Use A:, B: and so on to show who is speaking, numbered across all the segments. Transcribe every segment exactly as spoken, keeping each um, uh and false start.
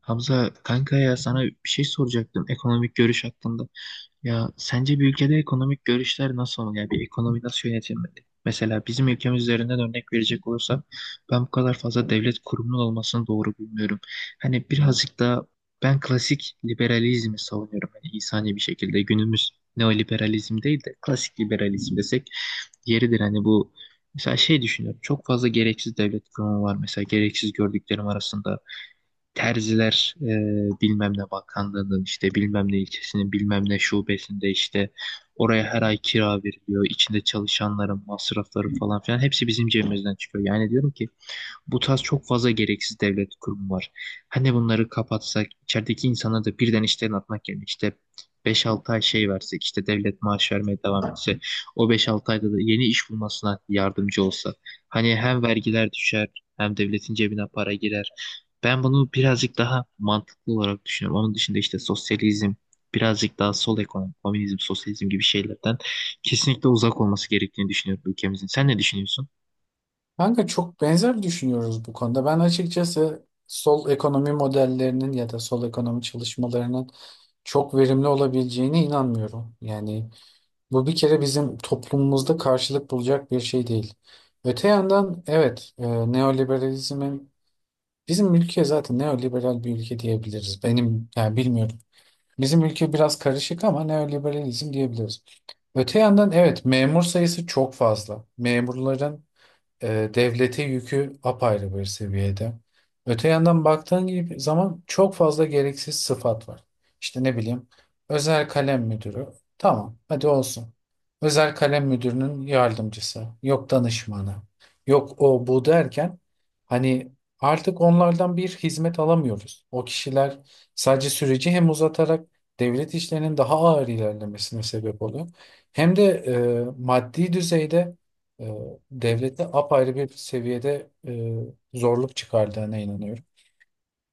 A: Hamza kanka, ya sana bir şey soracaktım ekonomik görüş hakkında. Ya sence bir ülkede ekonomik görüşler nasıl olmalı? Ya bir ekonomi nasıl yönetilmeli? Mesela bizim ülkemiz üzerinden örnek verecek olursam ben bu kadar fazla devlet kurumunun olmasını doğru bulmuyorum. Hani birazcık daha ben klasik liberalizmi savunuyorum. Hani insani bir şekilde günümüz neoliberalizm değil de klasik liberalizm desek yeridir. Hani bu mesela şey düşünüyorum, çok fazla gereksiz devlet kurumu var. Mesela gereksiz gördüklerim arasında terziler e, bilmem ne bakanlığının, işte bilmem ne ilçesinin bilmem ne şubesinde, işte oraya her ay kira veriliyor. İçinde çalışanların masrafları falan filan hepsi bizim cebimizden çıkıyor. Yani diyorum ki bu tarz çok fazla gereksiz devlet kurumu var. Hani bunları kapatsak, içerideki insana da birden işten atmak yerine işte beş-altı ay şey versek, işte devlet maaş vermeye devam etse, o beş-altı ayda da yeni iş bulmasına yardımcı olsa. Hani hem vergiler düşer, hem devletin cebine para girer. Ben bunu birazcık daha mantıklı olarak düşünüyorum. Onun dışında işte sosyalizm, birazcık daha sol ekonomi, komünizm, sosyalizm gibi şeylerden kesinlikle uzak olması gerektiğini düşünüyorum ülkemizin. Sen ne düşünüyorsun?
B: Kanka çok benzer düşünüyoruz bu konuda. Ben açıkçası sol ekonomi modellerinin ya da sol ekonomi çalışmalarının çok verimli olabileceğine inanmıyorum. Yani bu bir kere bizim toplumumuzda karşılık bulacak bir şey değil. Öte yandan evet e, neoliberalizmin bizim ülke zaten neoliberal bir ülke diyebiliriz. Benim yani bilmiyorum. Bizim ülke biraz karışık ama neoliberalizm diyebiliriz. Öte yandan evet memur sayısı çok fazla. Memurların e, devlete yükü apayrı bir seviyede. Öte yandan baktığın gibi zaman çok fazla gereksiz sıfat var. İşte ne bileyim özel kalem müdürü. Tamam hadi olsun. Özel kalem müdürünün yardımcısı. Yok danışmanı. Yok o bu derken hani artık onlardan bir hizmet alamıyoruz. O kişiler sadece süreci hem uzatarak devlet işlerinin daha ağır ilerlemesine sebep oluyor. Hem de e, maddi düzeyde e, devlete apayrı bir seviyede e, zorluk çıkardığına inanıyorum.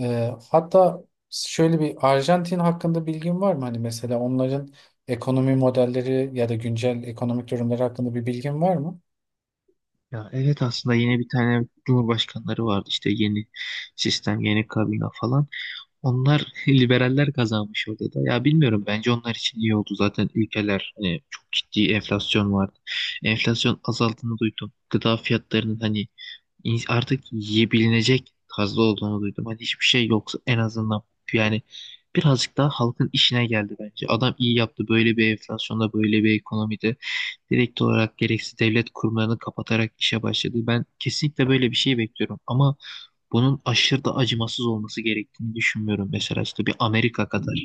B: E, hatta şöyle bir Arjantin hakkında bilgin var mı? Hani mesela onların ekonomi modelleri ya da güncel ekonomik durumları hakkında bir bilgin var mı?
A: Ya evet, aslında yeni bir tane cumhurbaşkanları vardı, işte yeni sistem, yeni kabine falan. Onlar liberaller kazanmış orada da. Ya bilmiyorum, bence onlar için iyi oldu zaten ülkeler, hani çok ciddi enflasyon vardı. Enflasyon azaldığını duydum. Gıda fiyatlarının hani in- artık yiyebilinecek tarzda olduğunu duydum. Hani hiçbir şey yoksa en azından yani birazcık daha halkın işine geldi bence. Adam iyi yaptı, böyle bir enflasyonda böyle bir ekonomide direkt olarak gereksiz devlet kurumlarını kapatarak işe başladı. Ben kesinlikle böyle bir şey bekliyorum ama bunun aşırı da acımasız olması gerektiğini düşünmüyorum. Mesela işte bir Amerika kadar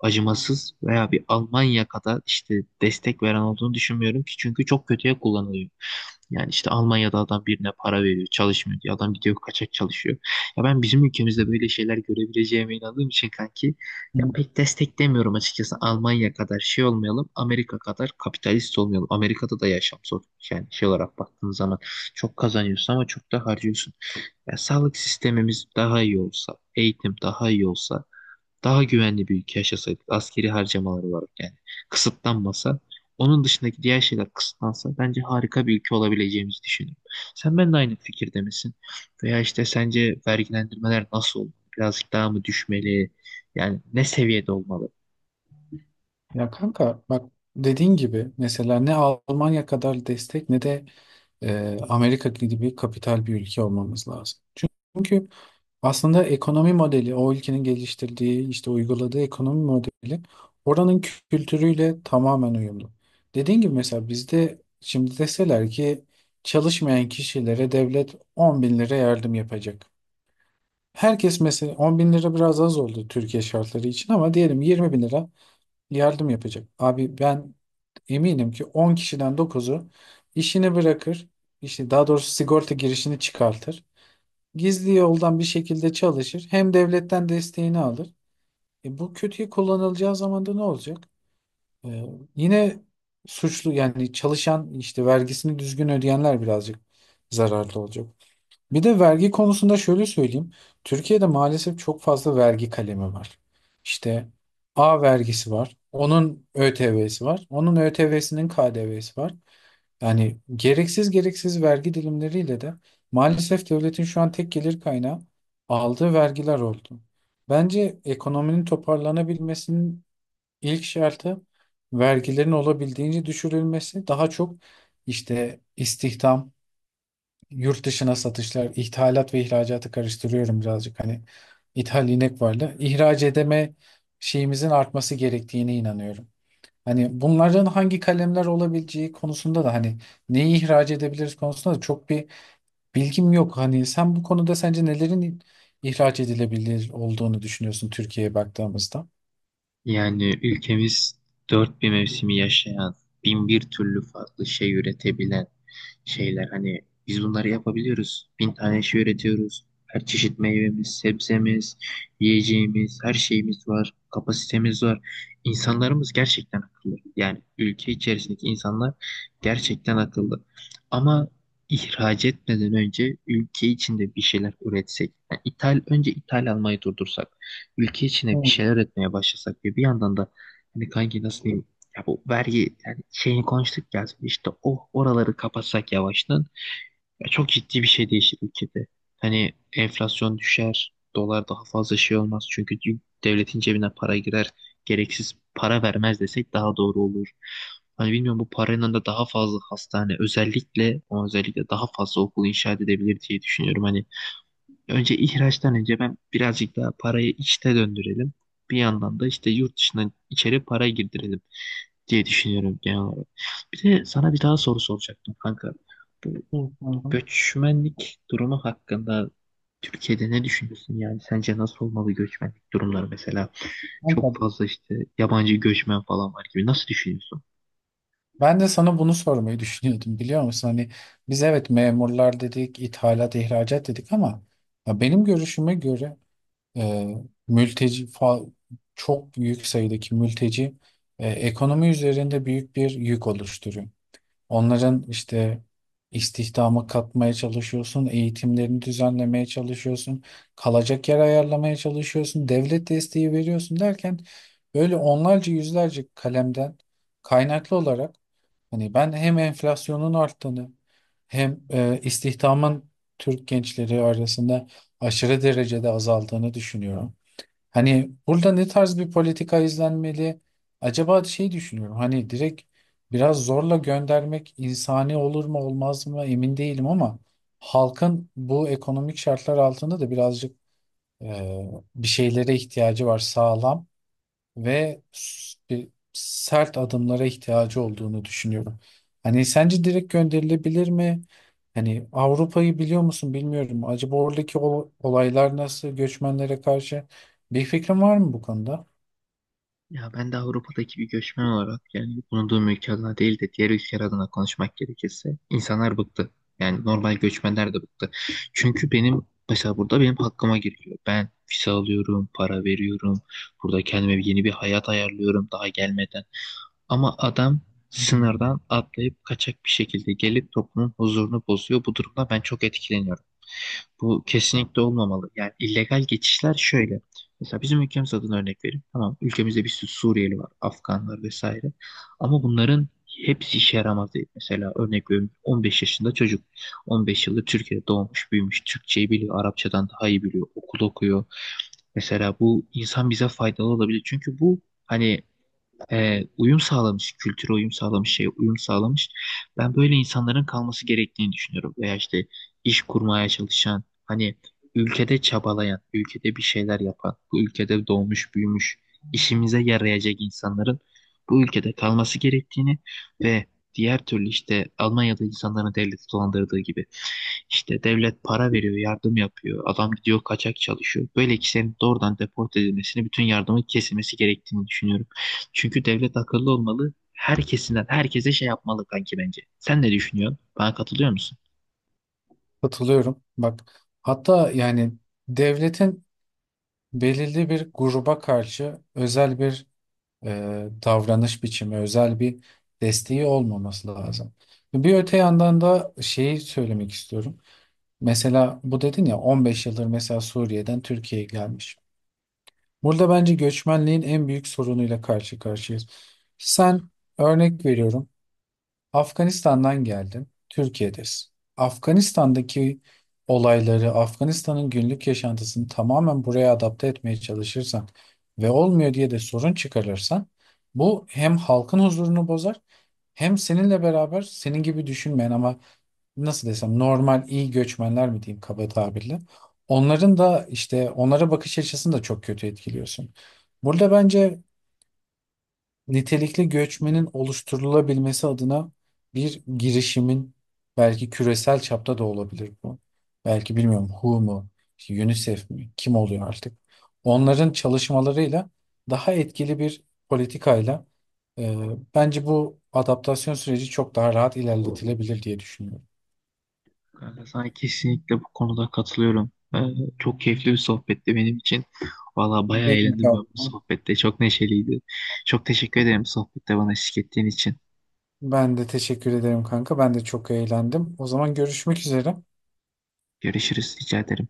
A: acımasız veya bir Almanya kadar işte destek veren olduğunu düşünmüyorum ki, çünkü çok kötüye kullanılıyor. Yani işte Almanya'da adam birine para veriyor, çalışmıyor diyor. Adam gidiyor kaçak çalışıyor. Ya ben bizim ülkemizde böyle şeyler görebileceğime inandığım için kanki, ya pek desteklemiyorum açıkçası. Almanya kadar şey olmayalım, Amerika kadar kapitalist olmayalım. Amerika'da da yaşam zor. Yani şey olarak baktığın zaman çok kazanıyorsun ama çok da harcıyorsun. Ya sağlık sistemimiz daha iyi olsa, eğitim daha iyi olsa, daha güvenli bir ülke yaşasaydık, askeri harcamaları olarak yani kısıtlanmasa, onun dışındaki diğer şeyler kısıtlansa bence harika bir ülke olabileceğimizi düşünüyorum. Sen ben de aynı fikirde misin? Veya işte sence vergilendirmeler nasıl olmalı? Birazcık daha mı düşmeli? Yani ne seviyede olmalı?
B: Ya kanka bak dediğin gibi mesela ne Almanya kadar destek ne de e, Amerika gibi kapital bir ülke olmamız lazım. Çünkü aslında ekonomi modeli, o ülkenin geliştirdiği, işte uyguladığı ekonomi modeli oranın kültürüyle tamamen uyumlu. Dediğim gibi mesela bizde şimdi deseler ki çalışmayan kişilere devlet on bin lira yardım yapacak. Herkes mesela on bin lira biraz az oldu Türkiye şartları için ama diyelim yirmi bin lira yardım yapacak. Abi ben eminim ki on kişiden dokuzu işini bırakır, işte daha doğrusu sigorta girişini çıkartır. Gizli yoldan bir şekilde çalışır, hem devletten desteğini alır. E bu kötüye kullanılacağı zaman da ne olacak? E, Yine suçlu yani çalışan işte vergisini düzgün ödeyenler birazcık zararlı olacak. Bir de vergi konusunda şöyle söyleyeyim. Türkiye'de maalesef çok fazla vergi kalemi var. İşte A vergisi var. Onun ÖTV'si var. Onun ÖTV'sinin K D V'si var. Yani gereksiz gereksiz vergi dilimleriyle de maalesef devletin şu an tek gelir kaynağı aldığı vergiler oldu. Bence ekonominin toparlanabilmesinin ilk şartı vergilerin olabildiğince düşürülmesi. Daha çok işte istihdam, yurt dışına satışlar, ithalat ve ihracatı karıştırıyorum birazcık. Hani ithal inek vardı. İhraç edeme şeyimizin artması gerektiğine inanıyorum. Hani bunların hangi kalemler olabileceği konusunda da hani neyi ihraç edebiliriz konusunda da çok bir bilgim yok. Hani sen bu konuda sence nelerin ihraç edilebilir olduğunu düşünüyorsun Türkiye'ye baktığımızda?
A: Yani ülkemiz dört bir mevsimi yaşayan, bin bir türlü farklı şey üretebilen şeyler. Hani biz bunları yapabiliyoruz. Bin tane şey üretiyoruz. Her çeşit meyvemiz, sebzemiz, yiyeceğimiz, her şeyimiz var. Kapasitemiz var. İnsanlarımız gerçekten akıllı. Yani ülke içerisindeki insanlar gerçekten akıllı. Ama ihraç etmeden önce ülke içinde bir şeyler üretsek. Yani ithal, önce ithal almayı durdursak, ülke içine bir şeyler
B: Hmm.
A: üretmeye başlasak ve bir yandan da hani kanki nasıl diyeyim, ya bu vergi yani şeyini konuştuk ya, işte o oraları kapatsak yavaştan, ya çok ciddi bir şey değişir ülkede. Hani enflasyon düşer, dolar daha fazla şey olmaz çünkü dü- devletin cebine para girer, gereksiz para vermez desek daha doğru olur. Hani bilmiyorum, bu paranın da daha fazla hastane özellikle o özellikle daha fazla okul inşa edebilir diye düşünüyorum. Hani önce ihraçtan önce ben birazcık daha parayı içte döndürelim. Bir yandan da işte yurt dışından içeri para girdirelim diye düşünüyorum genel olarak. Bir de sana bir daha soru soracaktım kanka. Bu
B: Hı hı.
A: göçmenlik durumu hakkında Türkiye'de ne düşünüyorsun yani? Sence nasıl olmalı göçmenlik durumları mesela? Çok
B: Hı.
A: fazla işte yabancı göçmen falan var gibi. Nasıl düşünüyorsun?
B: Ben de sana bunu sormayı düşünüyordum biliyor musun? Hani biz evet memurlar dedik, ithalat, ihracat dedik ama ya benim görüşüme göre e, mülteci fa- çok büyük sayıdaki mülteci e, ekonomi üzerinde büyük bir yük oluşturuyor. Onların işte istihdama katmaya çalışıyorsun, eğitimlerini düzenlemeye çalışıyorsun, kalacak yer ayarlamaya çalışıyorsun, devlet desteği veriyorsun derken böyle onlarca yüzlerce kalemden kaynaklı olarak hani ben hem enflasyonun arttığını hem e, istihdamın Türk gençleri arasında aşırı derecede azaldığını düşünüyorum. Hani burada ne tarz bir politika izlenmeli? Acaba şey düşünüyorum hani direkt biraz zorla göndermek insani olur mu olmaz mı emin değilim ama halkın bu ekonomik şartlar altında da birazcık e, bir şeylere ihtiyacı var sağlam ve s- bir sert adımlara ihtiyacı olduğunu düşünüyorum. Hani sence direkt gönderilebilir mi? Hani Avrupa'yı biliyor musun bilmiyorum. Acaba oradaki ol- olaylar nasıl göçmenlere karşı bir fikrin var mı bu konuda?
A: Ya ben de Avrupa'daki bir göçmen olarak, yani bulunduğum ülke adına değil de diğer ülkeler adına konuşmak gerekirse, insanlar bıktı. Yani normal göçmenler de bıktı. Çünkü benim mesela burada benim hakkıma giriliyor. Ben vize alıyorum, para veriyorum. Burada kendime bir- yeni bir hayat ayarlıyorum daha gelmeden. Ama adam sınırdan atlayıp kaçak bir şekilde gelip toplumun huzurunu bozuyor. Bu durumda ben çok etkileniyorum. Bu kesinlikle olmamalı. Yani illegal geçişler şöyle. Mesela bizim ülkemiz adına örnek vereyim. Tamam, ülkemizde bir sürü Suriyeli var, Afganlar vesaire. Ama bunların hepsi işe yaramaz değil. Mesela örnek veriyorum, on beş yaşında çocuk. on beş yıldır Türkiye'de doğmuş, büyümüş. Türkçeyi biliyor, Arapçadan daha iyi biliyor, okul okuyor. Mesela bu insan bize faydalı olabilir. Çünkü bu hani e, uyum sağlamış, kültüre uyum sağlamış, şeye uyum sağlamış. Ben böyle insanların kalması gerektiğini düşünüyorum. Veya işte iş kurmaya çalışan, hani ülkede çabalayan, ülkede bir şeyler yapan, bu ülkede doğmuş, büyümüş, işimize yarayacak insanların bu ülkede kalması gerektiğini ve diğer türlü işte Almanya'da insanların devleti dolandırdığı gibi işte devlet para veriyor, yardım yapıyor, adam gidiyor kaçak çalışıyor. Böyle kişilerin doğrudan deport edilmesini, bütün yardımın kesilmesi gerektiğini düşünüyorum. Çünkü devlet akıllı olmalı. Herkesinden herkese şey yapmalı kanki bence. Sen ne düşünüyorsun? Bana katılıyor musun?
B: Katılıyorum. Bak hatta yani devletin belirli bir gruba karşı özel bir e, davranış biçimi, özel bir desteği olmaması lazım. Bir öte yandan da şeyi söylemek istiyorum. Mesela bu dedin ya on beş yıldır mesela Suriye'den Türkiye'ye gelmiş. Burada bence göçmenliğin en büyük sorunuyla karşı karşıyayız. Sen örnek veriyorum Afganistan'dan geldin Türkiye'desin. Afganistan'daki olayları Afganistan'ın günlük yaşantısını tamamen buraya adapte etmeye çalışırsan ve olmuyor diye de sorun çıkarırsan bu hem halkın huzurunu bozar hem seninle beraber senin gibi düşünmeyen ama nasıl desem normal iyi göçmenler mi diyeyim kaba tabirle. Onların da işte onlara bakış açısını da çok kötü etkiliyorsun. Burada bence nitelikli göçmenin oluşturulabilmesi adına bir girişimin belki küresel çapta da olabilir bu. Belki bilmiyorum W H O mu, işte UNICEF mi, kim oluyor artık. Onların çalışmalarıyla daha etkili bir politikayla e, bence bu adaptasyon süreci çok daha rahat ilerletilebilir diye düşünüyorum.
A: Kanka sana kesinlikle bu konuda katılıyorum. Ee, çok keyifli bir sohbetti benim için. Valla bayağı eğlendim ben bu
B: Bilmiyorum.
A: sohbette. Çok neşeliydi. Çok teşekkür ederim sohbette bana eşlik ettiğin için.
B: Ben de teşekkür ederim kanka. Ben de çok eğlendim. O zaman görüşmek üzere.
A: Görüşürüz, rica ederim.